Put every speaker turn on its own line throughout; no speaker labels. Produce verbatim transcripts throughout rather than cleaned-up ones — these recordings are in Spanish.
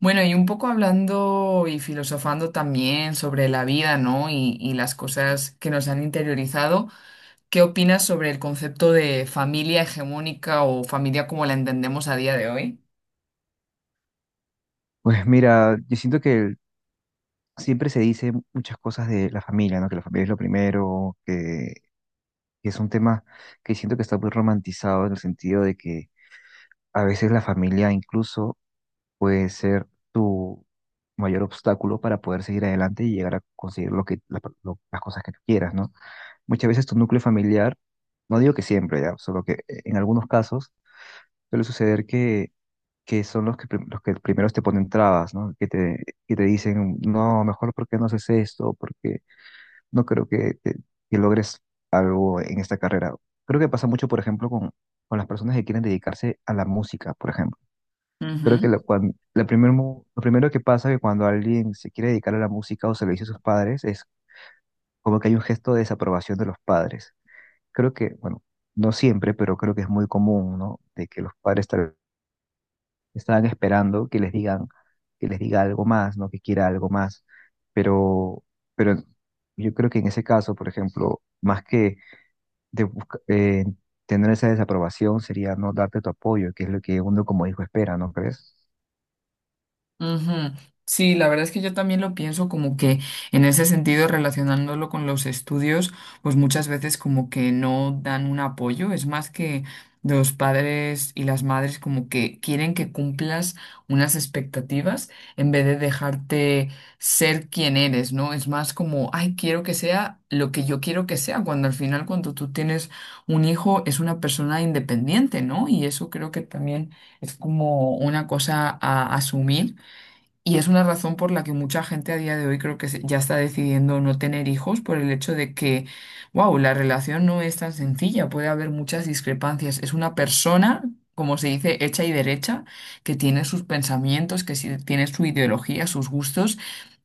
Bueno, y un poco hablando y filosofando también sobre la vida, ¿no? Y, y las cosas que nos han interiorizado, ¿qué opinas sobre el concepto de familia hegemónica o familia como la entendemos a día de hoy?
Pues mira, yo siento que siempre se dice muchas cosas de la familia, ¿no? Que la familia es lo primero, que, que es un tema que siento que está muy romantizado en el sentido de que a veces la familia incluso puede ser tu mayor obstáculo para poder seguir adelante y llegar a conseguir lo que, la- lo- las cosas que tú quieras, ¿no? Muchas veces tu núcleo familiar, no digo que siempre, ya, solo que eh, en algunos casos suele suceder que son los que, prim- los que primeros te ponen trabas, ¿no? Que te, que te dicen, no, mejor porque no haces esto, porque no creo que, te- que logres algo en esta carrera. Creo que pasa mucho, por ejemplo, con, con las personas que quieren dedicarse a la música, por ejemplo. Creo que la, cuan- la primer mo- lo primero que pasa que cuando alguien se quiere dedicar a la música o se lo dice a sus padres es como que hay un gesto de desaprobación de los padres. Creo que, bueno, no siempre, pero creo que es muy común, ¿no? De que los padres tal. Estaban esperando que les digan, que les diga algo más, ¿no? Que quiera algo más. Pero, pero yo creo que en ese caso, por ejemplo, más que de busca- eh, tener esa desaprobación, sería no darte tu apoyo, que es lo que uno como hijo espera, ¿no crees?
Ujú. Sí, la verdad es que yo también lo pienso como que en ese sentido, relacionándolo con los estudios, pues muchas veces como que no dan un apoyo. Es más que los padres y las madres como que quieren que cumplas unas expectativas en vez de dejarte ser quien eres, ¿no? Es más como, ay, quiero que sea lo que yo quiero que sea, cuando al final cuando tú tienes un hijo es una persona independiente, ¿no? Y eso creo que también es como una cosa a asumir y es una razón por la que mucha gente a día de hoy creo que se- ya está decidiendo no tener hijos por el hecho de que, wow, la relación no es tan sencilla, puede haber muchas discrepancias. Es una persona, como se dice, hecha y derecha, que tiene sus pensamientos, que sí- tiene su ideología, sus gustos,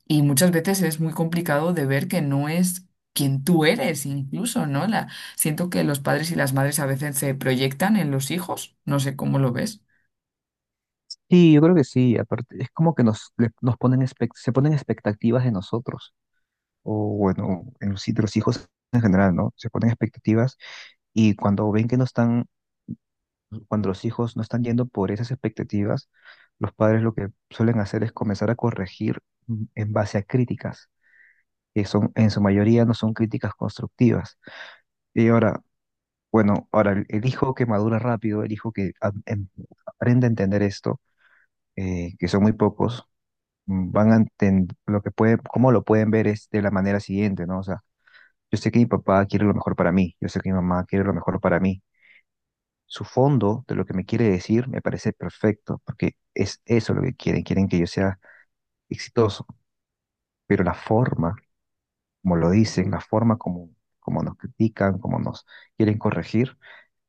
y muchas veces es muy complicado de ver que no es quien tú eres, incluso, ¿no? La, siento que los padres y las madres a veces se proyectan en los hijos, no sé cómo lo ves.
Sí, yo creo que sí. Aparte, es como que nos, le- nos ponen expec- se ponen expectativas de nosotros, o bueno, en los, sí, de los hijos en general, ¿no? Se ponen expectativas y cuando ven que no están. Cuando los hijos no están yendo por esas expectativas, los padres lo que suelen hacer es comenzar a corregir mm, en base a críticas, que son, en su mayoría no son críticas constructivas. Y ahora, bueno, ahora el, el hijo que madura rápido, el hijo que a- em- aprende a entender esto, eh, que son muy pocos, mm, van a entender lo que puede, cómo lo pueden ver es de la manera siguiente, ¿no? O sea, yo sé que mi papá quiere lo mejor para mí, yo sé que mi mamá quiere lo mejor para mí, su fondo de lo que me quiere decir me parece perfecto, porque es eso lo que quieren, quieren que yo sea exitoso, pero la forma, como lo dicen, la forma como, como nos critican, como nos quieren corregir,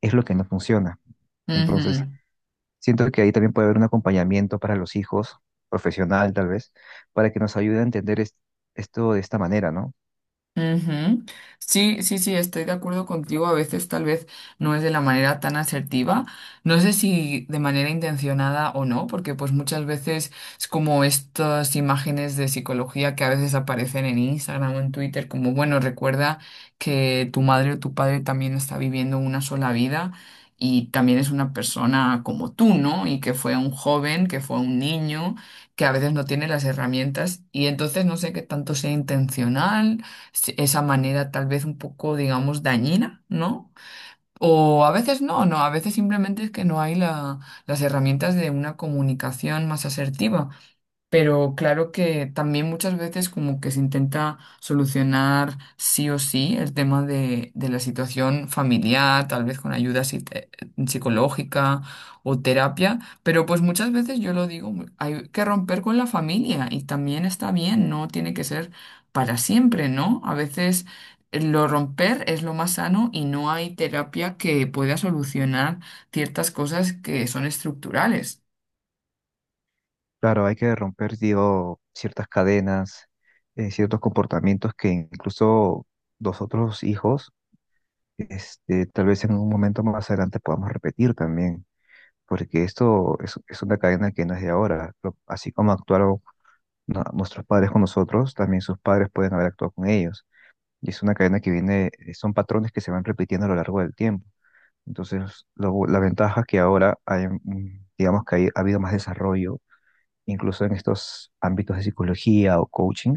es lo que no funciona. Entonces,
Ujú.
siento que ahí también puede haber un acompañamiento para los hijos, profesional tal vez, para que nos ayude a entender es- esto de esta manera, ¿no?
Ujú. Sí, sí, sí, estoy de acuerdo contigo. A veces tal vez no es de la manera tan asertiva. No sé si de manera intencionada o no, porque pues muchas veces es como estas imágenes de psicología que a veces aparecen en Instagram o en Twitter, como, bueno, recuerda que tu madre o tu padre también está viviendo una sola vida y también es una persona como tú, ¿no? Y que fue un joven, que fue un niño, que a veces no tiene las herramientas y entonces no sé qué tanto sea intencional se- esa manera tal vez un poco, digamos, dañina, ¿no? O a veces no, no, a veces simplemente es que no hay la- las herramientas de una comunicación más asertiva. Pero claro que también muchas veces como que se intenta solucionar sí o sí el tema de, de la situación familiar, tal vez con ayuda psite- psicológica o terapia, pero pues muchas veces yo lo digo, hay que romper con la familia y también está bien, no tiene que ser para siempre, ¿no? A veces lo romper es lo más sano y no hay terapia que pueda solucionar ciertas cosas que son estructurales.
Claro, hay que romper, digo, ciertas cadenas, eh, ciertos comportamientos que incluso los otros hijos. Este, tal vez en un momento más adelante podamos repetir también, porque esto es, es una cadena que no es de ahora. Lo- Así como actuaron no- nuestros padres con nosotros, también sus padres pueden haber actuado con ellos. Y es una cadena que viene, eh, son patrones que se van repitiendo a lo largo del tiempo. Entonces, lo bu- la ventaja es que ahora hay, mm, digamos que hay- ha habido más desarrollo, incluso en estos ámbitos de psicología o coaching,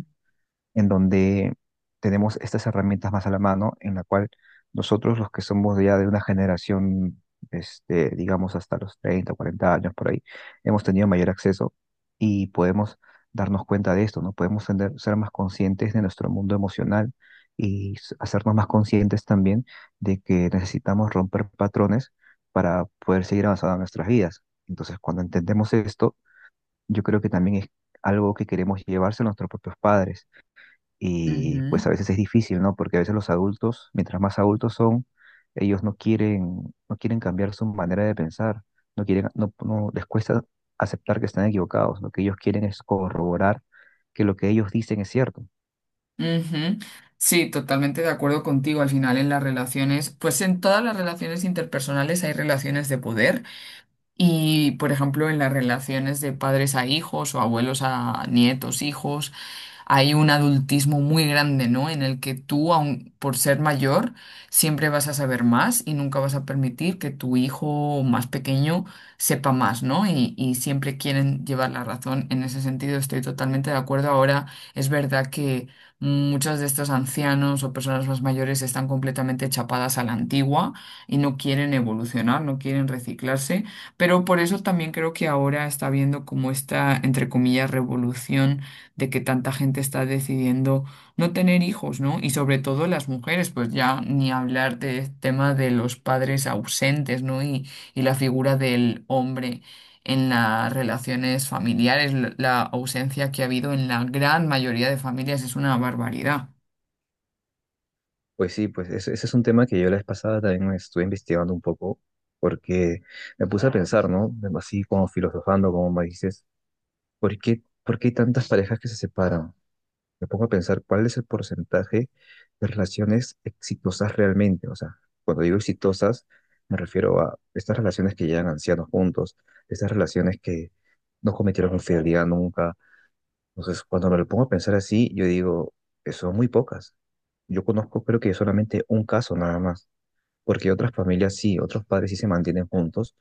en donde tenemos estas herramientas más a la mano, en la cual nosotros los que somos ya de una generación, este, digamos hasta los treinta o cuarenta años por ahí, hemos tenido mayor acceso y podemos darnos cuenta de esto, ¿no? Podemos tener- ser más conscientes de nuestro mundo emocional y s- hacernos más conscientes también de que necesitamos romper patrones para poder seguir avanzando en nuestras vidas. Entonces, cuando entendemos esto, yo creo que también es algo que queremos llevarse a nuestros propios padres y pues a veces es difícil, ¿no? Porque a veces los adultos, mientras más adultos son, ellos no quieren, no quieren cambiar su manera de pensar, no quieren, no, no- les cuesta aceptar que están equivocados. Lo que ellos quieren es corroborar que lo que ellos dicen es cierto.
Ujú. Sí, totalmente de acuerdo contigo. Al final, en las relaciones, pues en todas las relaciones interpersonales hay relaciones de poder y, por ejemplo, en las relaciones de padres a hijos o abuelos a nietos, hijos, hay un adultismo muy grande, ¿no? En el que tú, aun por ser mayor, siempre vas a saber más y nunca vas a permitir que tu hijo más pequeño sepa más, ¿no? Y, y siempre quieren llevar la razón. En ese sentido estoy totalmente de acuerdo. Ahora es verdad que muchos de estos ancianos o personas más mayores están completamente chapadas a la antigua y no quieren evolucionar, no quieren reciclarse, pero por eso también creo que ahora está habiendo como esta, entre comillas, revolución de que tanta gente está decidiendo no tener hijos, ¿no? Y sobre todo las mujeres, pues ya ni hablar del tema de los padres ausentes, ¿no? Y, y la figura del hombre en las relaciones familiares, la la ausencia que ha habido en la gran mayoría de familias es una barbaridad.
Pues sí, pues ese, ese es un tema que yo la vez pasada también me estuve investigando un poco, porque me puse a pensar, ¿no? Así como filosofando, como me dices, ¿por qué, ¿por qué hay tantas parejas que se separan? Me pongo a pensar cuál es el porcentaje de relaciones exitosas realmente. O sea, cuando digo exitosas, me refiero a estas relaciones que llegan ancianos juntos, estas relaciones que no cometieron infidelidad nunca. Entonces, cuando me lo pongo a pensar así, yo digo, eh, son muy pocas. Yo conozco, creo que solamente un caso nada más, porque otras familias sí, otros padres sí se mantienen juntos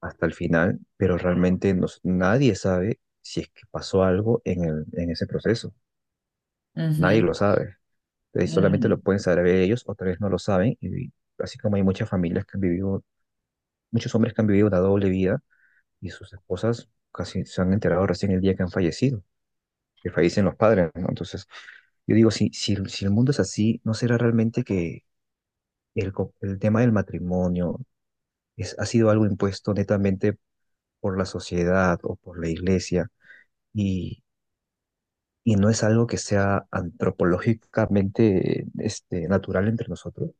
hasta el final, pero realmente nos- nadie sabe si es que pasó algo en el, en ese proceso. Nadie
Ujú,
lo sabe. Eh, solamente
ujú.
lo pueden saber ellos, o tal vez no lo saben. Y así como hay muchas familias que han vivido, muchos hombres que han vivido una doble vida y sus esposas casi se han enterado recién el día que han fallecido, que fallecen los padres, ¿no? Entonces, yo digo, si, si, el- si el mundo es así, ¿no será realmente que el, co- el tema del matrimonio es, ha sido algo impuesto netamente por la sociedad o por la iglesia y, y no es algo que sea antropológicamente este, natural entre nosotros?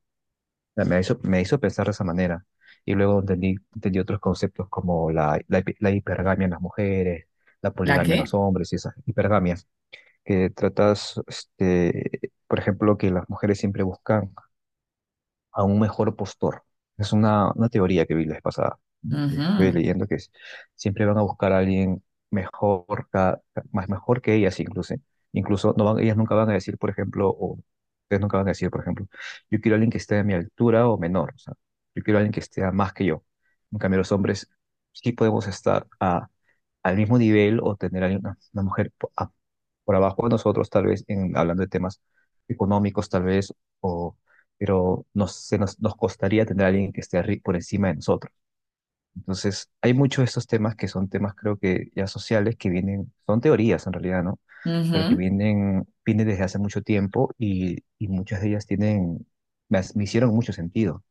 Sea, me hizo, me hizo pensar de esa manera. Y luego entendí, entendí otros conceptos como la, la, hi- la hipergamia en las mujeres, la
¿La
poligamia en
qué?
los hombres y esas hipergamias, que tratas, este, por ejemplo, que las mujeres siempre buscan a un mejor postor. Es una, una teoría que vi la vez pasada, que estuve
Ujú,
leyendo, que es, siempre van a buscar a alguien mejor, ca- ca- más mejor que ellas incluso. Incluso no van, ellas nunca van a decir, por ejemplo, o ustedes nunca van a decir, por ejemplo, yo quiero a alguien que esté a mi altura o menor. O sea, yo quiero a alguien que esté a más que yo. En cambio, los hombres sí podemos estar a, al mismo nivel o tener a una, una mujer po- a- por abajo de nosotros, tal vez, en, hablando de temas económicos, tal vez, o pero nos, se nos, nos costaría tener a alguien que esté arri- por encima de nosotros. Entonces, hay muchos de estos temas que son temas, creo que ya sociales, que vienen, son teorías en realidad, ¿no? Pero que
ujú.
vienen, vienen desde hace mucho tiempo y, y muchas de ellas tienen, me, has- me hicieron mucho sentido.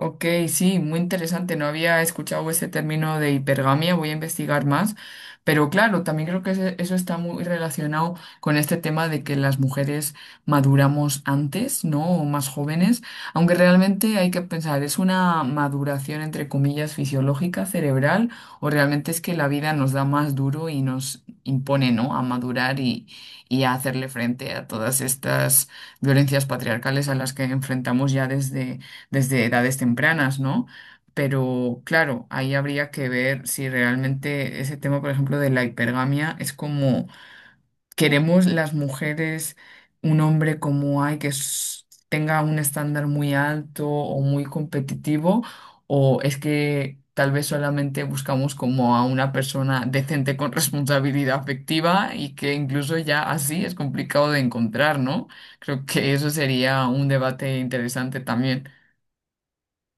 Ok, sí, muy interesante. No había escuchado ese término de hipergamia, voy a investigar más. Pero claro, también creo que ese- eso está muy relacionado con este tema de que las mujeres maduramos antes, ¿no? O más jóvenes, aunque realmente hay que pensar, ¿es una maduración entre comillas fisiológica, cerebral, o realmente es que la vida nos da más duro y nos impone, ¿no? A madurar y, y a hacerle frente a todas estas violencias patriarcales a las que enfrentamos ya desde desde edades tempranas, ¿no? Pero claro, ahí habría que ver si realmente ese tema, por ejemplo, de la hipergamia es como queremos las mujeres un hombre como hay que s- tenga un estándar muy alto o muy competitivo, o es que tal vez solamente buscamos como a una persona decente con responsabilidad afectiva y que incluso ya así es complicado de encontrar, ¿no? Creo que eso sería un debate interesante también.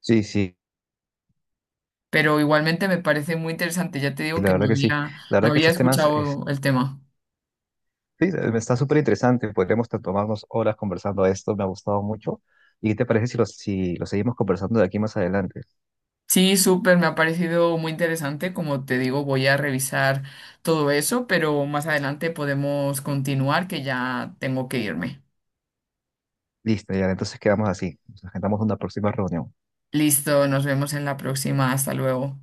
Sí, sí,
Pero igualmente me parece muy interesante. Ya te
y
digo
la
que no
verdad que sí.
había,
La
no
verdad que
había
estos temas, es,
escuchado el tema.
sí, está súper interesante. Podríamos t- tomarnos horas conversando de esto, me ha gustado mucho. ¿Y qué te parece si los, si los seguimos conversando de aquí más adelante?
Sí, súper, me ha parecido muy interesante. Como te digo, voy a revisar todo eso, pero más adelante podemos continuar, que ya tengo que irme.
Listo, ya, entonces quedamos así. Nos agendamos una próxima reunión.
Listo, nos vemos en la próxima. Hasta luego.